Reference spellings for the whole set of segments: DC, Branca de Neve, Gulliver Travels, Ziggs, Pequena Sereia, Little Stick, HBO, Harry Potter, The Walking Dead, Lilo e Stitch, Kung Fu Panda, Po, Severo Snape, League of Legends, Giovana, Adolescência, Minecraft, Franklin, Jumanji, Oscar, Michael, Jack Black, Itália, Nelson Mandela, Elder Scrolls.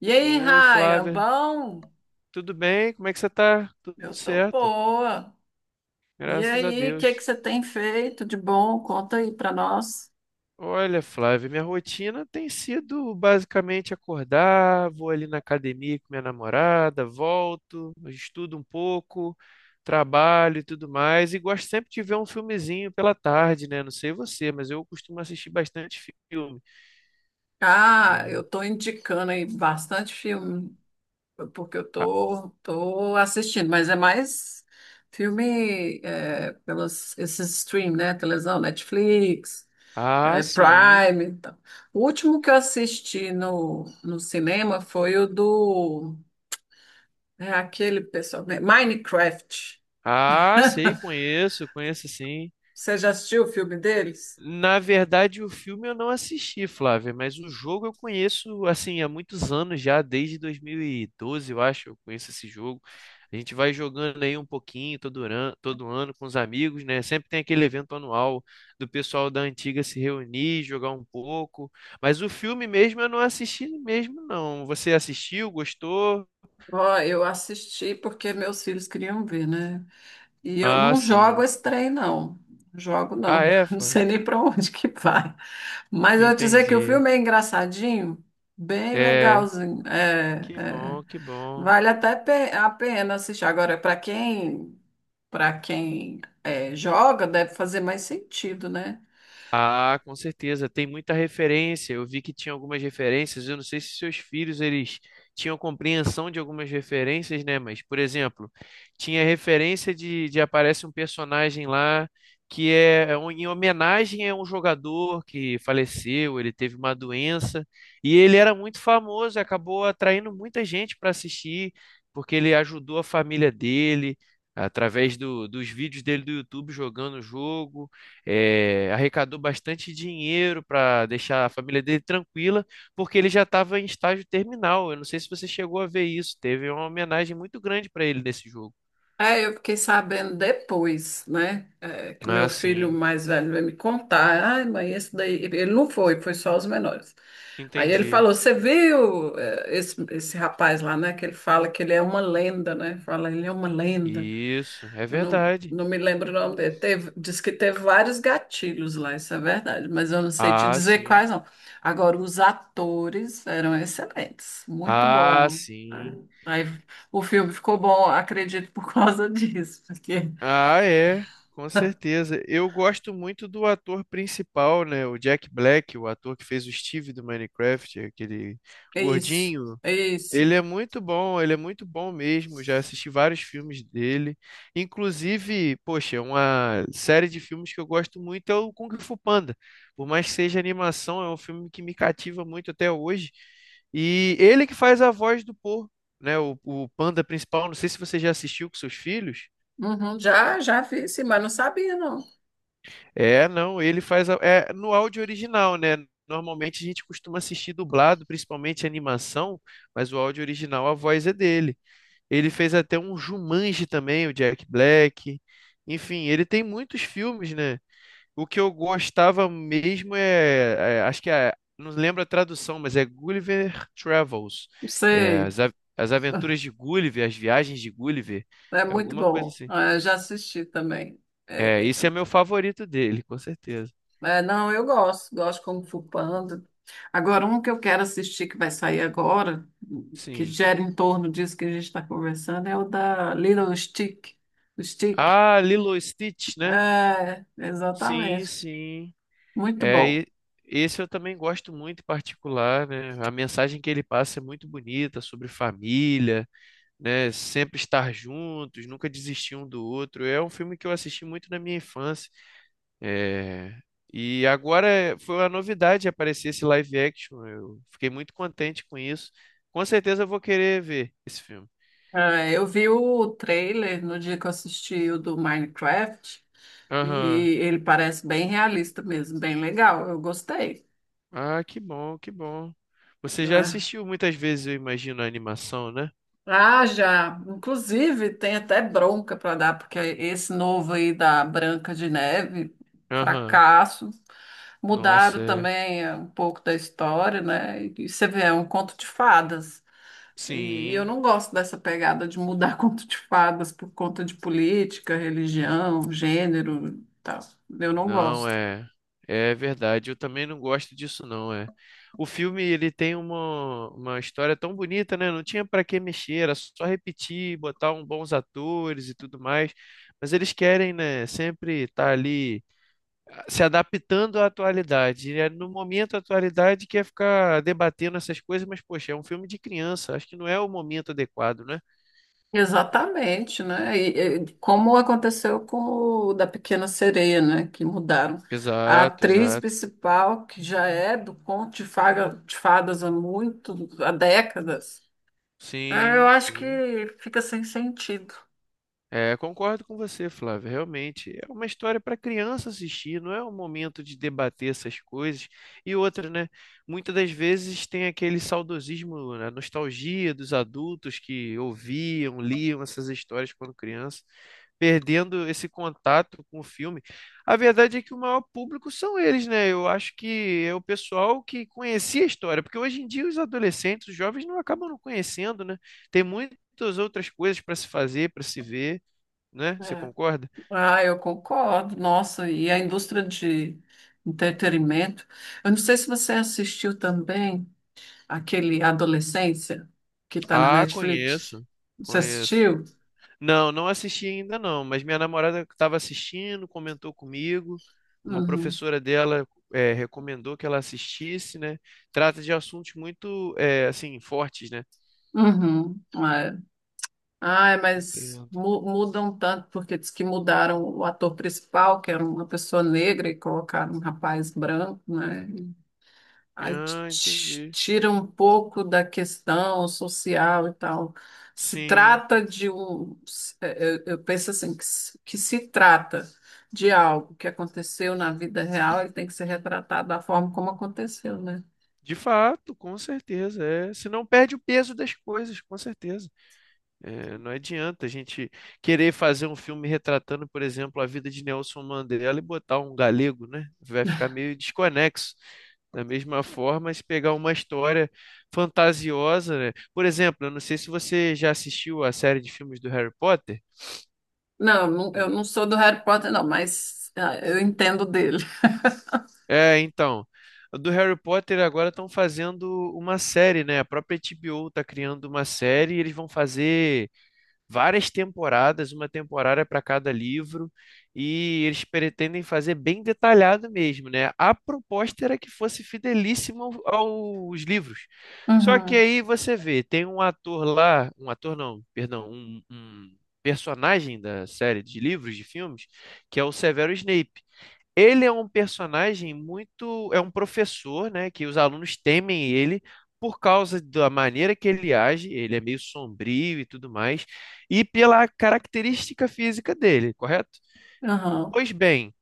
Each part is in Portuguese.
E aí, Oi, Raia, Flávia, bom? tudo bem? Como é que você tá? Tudo Eu tô certo, boa. E graças a aí, o que que Deus. você tem feito de bom? Conta aí pra nós. Olha, Flávia, minha rotina tem sido basicamente acordar, vou ali na academia com minha namorada, volto, estudo um pouco, trabalho e tudo mais, e gosto sempre de ver um filmezinho pela tarde, né? Não sei você, mas eu costumo assistir bastante filme. Ah, eu É. tô indicando aí bastante filme, porque eu Ah, tô, tô assistindo, mas é mais filme pelos esses stream, né? Televisão, Netflix, ah, é, sim. Prime. Então. O último que eu assisti no cinema foi o do aquele pessoal, né? Minecraft. Ah, sei, conheço, conheço sim. Você já assistiu o filme deles? Na verdade, o filme eu não assisti, Flávia, mas o jogo eu conheço assim há muitos anos já, desde 2012, eu acho, eu conheço esse jogo. A gente vai jogando aí um pouquinho todo ano com os amigos, né? Sempre tem aquele evento anual do pessoal da antiga se reunir, jogar um pouco. Mas o filme mesmo eu não assisti mesmo, não. Você assistiu, gostou? Ó, eu assisti porque meus filhos queriam ver, né? E eu Ah, não jogo sim. esse trem, não. Jogo, Ah, não. é, Não Flávia? sei nem para onde que vai. Mas eu vou dizer que o Entendi. filme é engraçadinho, bem É, legalzinho. É, que é. bom, que bom. Vale até a pena assistir. Agora, para quem joga, deve fazer mais sentido, né? Ah, com certeza, tem muita referência. Eu vi que tinha algumas referências. Eu não sei se seus filhos eles tinham compreensão de algumas referências, né? Mas, por exemplo, tinha referência de aparece um personagem lá que é em homenagem a um jogador que faleceu, ele teve uma doença e ele era muito famoso, e acabou atraindo muita gente para assistir, porque ele ajudou a família dele através dos vídeos dele do YouTube jogando o jogo arrecadou bastante dinheiro para deixar a família dele tranquila, porque ele já estava em estágio terminal. Eu não sei se você chegou a ver isso. Teve uma homenagem muito grande para ele nesse jogo. É, eu fiquei sabendo depois, né? Que meu Ah, filho sim, mais velho veio me contar. Ai, mãe, esse daí. Ele não foi, foi só os menores. Aí ele entendi. falou: Você viu esse rapaz lá, né? Que ele fala que ele é uma lenda, né? Fala, ele é uma lenda. Isso, é Eu não, verdade. não me lembro o nome dele. Teve, diz que teve vários gatilhos lá, isso é verdade, mas eu não sei te Ah, dizer sim. quais não. Agora, os atores eram excelentes, muito Ah, bom. sim. Aí o filme ficou bom, acredito, por causa disso, porque Ah, é, com certeza. Eu gosto muito do ator principal, né? O Jack Black, o ator que fez o Steve do Minecraft, aquele é isso, gordinho. é isso. Ele é muito bom, ele é muito bom mesmo. Já assisti vários filmes dele. Inclusive, poxa, uma série de filmes que eu gosto muito é o Kung Fu Panda. Por mais que seja animação, é um filme que me cativa muito até hoje. E ele que faz a voz do Po, né? O panda principal. Não sei se você já assistiu com seus filhos. Uhum, já vi, sim, mas não sabia, não. É, não, ele faz no áudio original, né? Normalmente a gente costuma assistir dublado, principalmente animação, mas o áudio original, a voz é dele. Ele fez até um Jumanji também, o Jack Black. Enfim, ele tem muitos filmes, né? O que eu gostava mesmo acho que é, não lembro a tradução, mas é Gulliver Travels. É, Sei, as aventuras de Gulliver, as viagens de Gulliver, é é muito alguma coisa bom. assim. Ah, eu já assisti também. É, É, esse é meu favorito dele, com certeza. é, não, eu gosto, gosto como Kung Fu Panda. Agora, um que eu quero assistir que vai sair agora, que Sim. gera em torno disso que a gente está conversando, é o da Little Stick. O Stick. Ah, Lilo e Stitch, né? É, Sim, exatamente. sim. Muito É, bom. e esse eu também gosto muito em particular, né? A mensagem que ele passa é muito bonita sobre família, né? Sempre estar juntos, nunca desistir um do outro. É um filme que eu assisti muito na minha infância. É, e agora foi uma novidade aparecer esse live action. Eu fiquei muito contente com isso. Com certeza eu vou querer ver esse filme. É, eu vi o trailer no dia que eu assisti o do Minecraft e Aham. ele parece bem realista mesmo, bem legal. Eu gostei. Ah, que bom, que bom. Você já É. assistiu muitas vezes, eu imagino, a animação, né? Ah, já. Inclusive, tem até bronca para dar, porque esse novo aí da Branca de Neve, Aham. fracasso. Nossa, Mudaram é. também um pouco da história, né? E você vê, é um conto de fadas. E eu Sim. não gosto dessa pegada de mudar conto de fadas por conta de política, religião, gênero, e tal. Eu não Não gosto. é. É verdade, eu também não gosto disso não, é. O filme ele tem uma história tão bonita, né? Não tinha para que mexer, era só repetir, botar um bons atores e tudo mais. Mas eles querem, né, sempre estar ali se adaptando à atualidade. E é no momento a atualidade quer ficar debatendo essas coisas, mas poxa, é um filme de criança, acho que não é o momento adequado, né? Exatamente, né? Como aconteceu com o da Pequena Sereia, né? Que mudaram. A Exato, atriz exato. principal, que já é do de Fadas há muito, há décadas, ah, eu Sim, acho que sim. fica sem sentido. É, concordo com você, Flávio. Realmente é uma história para criança assistir, não é o momento de debater essas coisas. E outra, né? Muitas das vezes tem aquele saudosismo, a nostalgia dos adultos que ouviam, liam essas histórias quando criança, perdendo esse contato com o filme. A verdade é que o maior público são eles, né? Eu acho que é o pessoal que conhecia a história, porque hoje em dia os adolescentes, os jovens não acabam não conhecendo, né? Tem muitas outras coisas para se fazer, para se ver, né? Você É. concorda? Ah, eu concordo. Nossa, e a indústria de entretenimento. Eu não sei se você assistiu também aquele Adolescência, que está na Ah, Netflix. conheço, Você conheço. assistiu? Não, não assisti ainda não, mas minha namorada estava assistindo, comentou comigo. Uma Uhum. professora dela recomendou que ela assistisse, né? Trata de assuntos muito, assim, fortes, né? Uhum. Ai, Entendo. Mudam tanto, porque diz que mudaram o ator principal, que era uma pessoa negra, e colocaram um rapaz branco, né? Aí Ah, entendi. tira um pouco da questão social e tal. Se Sim, trata de um. Se- é, é, Eu penso assim, que se trata de algo que aconteceu na vida real, ele tem que ser retratado da forma como aconteceu, né? de fato, com certeza. É. Se não perde o peso das coisas, com certeza. É, não adianta a gente querer fazer um filme retratando, por exemplo, a vida de Nelson Mandela e botar um galego, né? Vai ficar meio desconexo. Da mesma forma, se pegar uma história fantasiosa, né? Por exemplo, eu não sei se você já assistiu a série de filmes do Harry Potter. Não, eu não sou do Harry Potter, não, mas ah, eu entendo dele. É, então, do Harry Potter agora estão fazendo uma série, né? A própria HBO está criando uma série e eles vão fazer várias temporadas, uma temporada para cada livro, e eles pretendem fazer bem detalhado mesmo, né? A proposta era que fosse fidelíssimo aos livros. Só que Uhum. aí você vê, tem um ator lá, um ator não, perdão, um personagem da série de livros, de filmes, que é o Severo Snape. Ele é um personagem muito. É um professor, né? Que os alunos temem ele por causa da maneira que ele age. Ele é meio sombrio e tudo mais. E pela característica física dele, correto? Aham. Pois bem,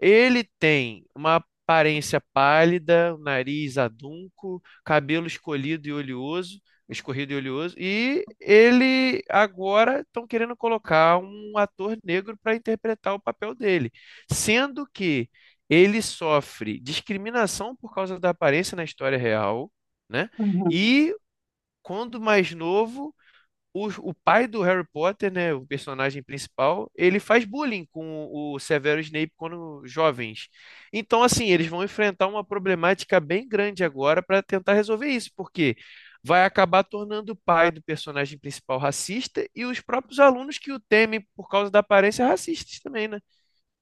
ele tem uma aparência pálida, nariz adunco, cabelo escolhido e oleoso, escorrido e oleoso, e ele agora estão querendo colocar um ator negro para interpretar o papel dele, sendo que ele sofre discriminação por causa da aparência na história real, né? Uhum. E quando mais novo o pai do Harry Potter, né, o personagem principal, ele faz bullying com o Severo Snape quando jovens. Então, assim, eles vão enfrentar uma problemática bem grande agora para tentar resolver isso, porque vai acabar tornando o pai do personagem principal racista e os próprios alunos que o temem por causa da aparência racistas também, né?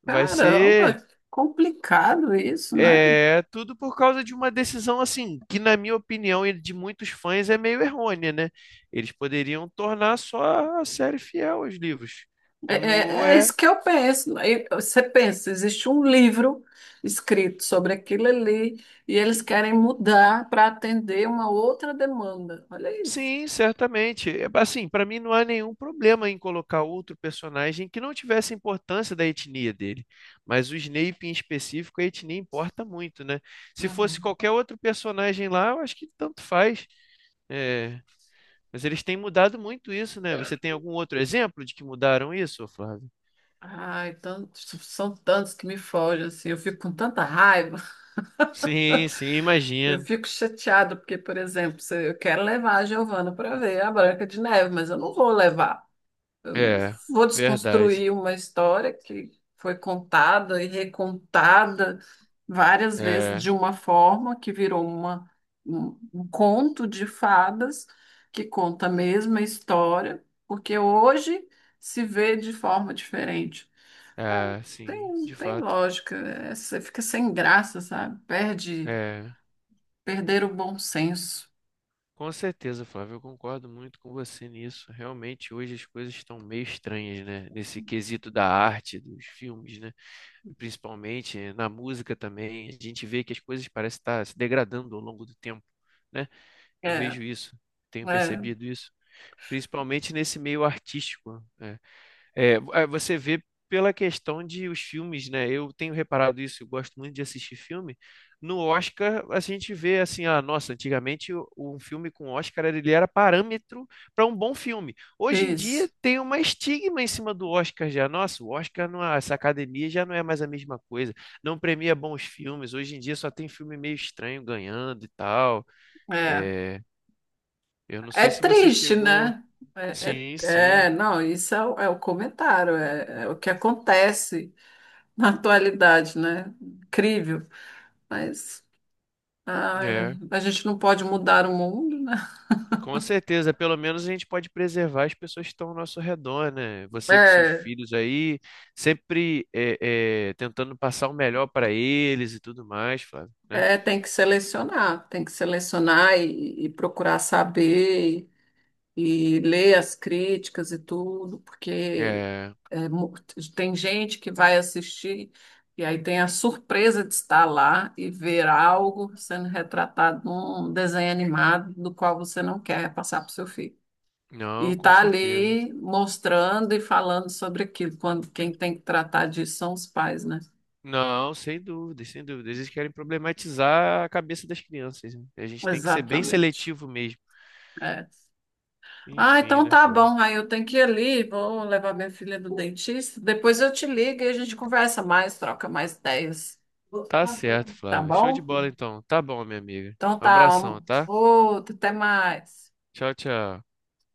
Vai ser Caramba, complicado isso, né? é tudo por causa de uma decisão assim, que na minha opinião e de muitos fãs é meio errônea, né? Eles poderiam tornar só a série fiel aos livros. Como É é, isso que eu penso. Aí você pensa, existe um livro escrito sobre aquilo ali e eles querem mudar para atender uma outra demanda. Olha isso. sim, certamente. É, assim, para mim não há nenhum problema em colocar outro personagem que não tivesse importância da etnia dele. Mas o Snape em específico, a etnia importa muito, né? Se fosse Uhum. qualquer outro personagem lá, eu acho que tanto faz. É, mas eles têm mudado muito isso, né? Você tem algum outro exemplo de que mudaram isso, ô Flávio? Ai, tantos, são tantos que me fogem, assim, eu fico com tanta raiva, Sim, sim, eu imagino. fico chateada, porque, por exemplo, se eu quero levar a Giovana para ver a Branca de Neve, mas eu não vou levar. Eu não É, vou verdade. desconstruir uma história que foi contada e recontada várias vezes de É, uma forma que virou um conto de fadas que conta a mesma história, porque hoje se vê de forma diferente. É, é, sim, tem, de tem fato. lógica, é, você fica sem graça, sabe? É, Perder o bom senso. com certeza, Flávio, eu concordo muito com você nisso. Realmente, hoje as coisas estão meio estranhas, né? Nesse quesito da arte, dos filmes, né? Principalmente na música também. A gente vê que as coisas parecem estar se degradando ao longo do tempo, né? É, Eu vejo isso, tenho é, percebido isso, principalmente nesse meio artístico, né? É, é, você vê pela questão de os filmes, né? Eu tenho reparado isso, eu gosto muito de assistir filme. No Oscar, a gente vê assim, ah, nossa, antigamente um filme com Oscar ele era parâmetro para um bom filme. Hoje em dia isso. tem uma estigma em cima do Oscar já. Nossa, o Oscar não, essa academia já não é mais a mesma coisa. Não premia bons filmes. Hoje em dia só tem filme meio estranho ganhando e tal. É. É, eu não É sei se você triste, chegou. né? É, Sim, é- sim. Não, o é o comentário, é, é o que acontece na atualidade, né? Incrível. Mas ai, É, a gente não pode mudar o mundo, né? com certeza. Pelo menos a gente pode preservar as pessoas que estão ao nosso redor, né? Você com seus É, filhos aí, sempre tentando passar o melhor para eles e tudo mais, Flávio, né? Tem que selecionar e procurar saber. E ler as críticas e tudo, porque É, é, mu- tem gente que vai assistir e aí tem a surpresa de estar lá e ver algo sendo retratado num desenho animado do qual você não quer passar para o seu filho. não, E com tá certeza. ali mostrando e falando sobre aquilo, quando quem tem que tratar disso são os pais, né? Não, sem dúvidas, sem dúvidas. Eles querem problematizar a cabeça das crianças, né? A gente tem que ser bem Exatamente. seletivo mesmo. É. Ah, Enfim, então né, tá Flávio? bom. Aí eu tenho que ir ali, vou levar minha filha no dentista. Depois eu te ligo e a gente conversa mais, troca mais ideias. Tá certo, Tá Flávio. Show de bom? bola, então. Tá bom, minha amiga. Então Um tá. abração, tá? Outro, até mais. Tchau, tchau.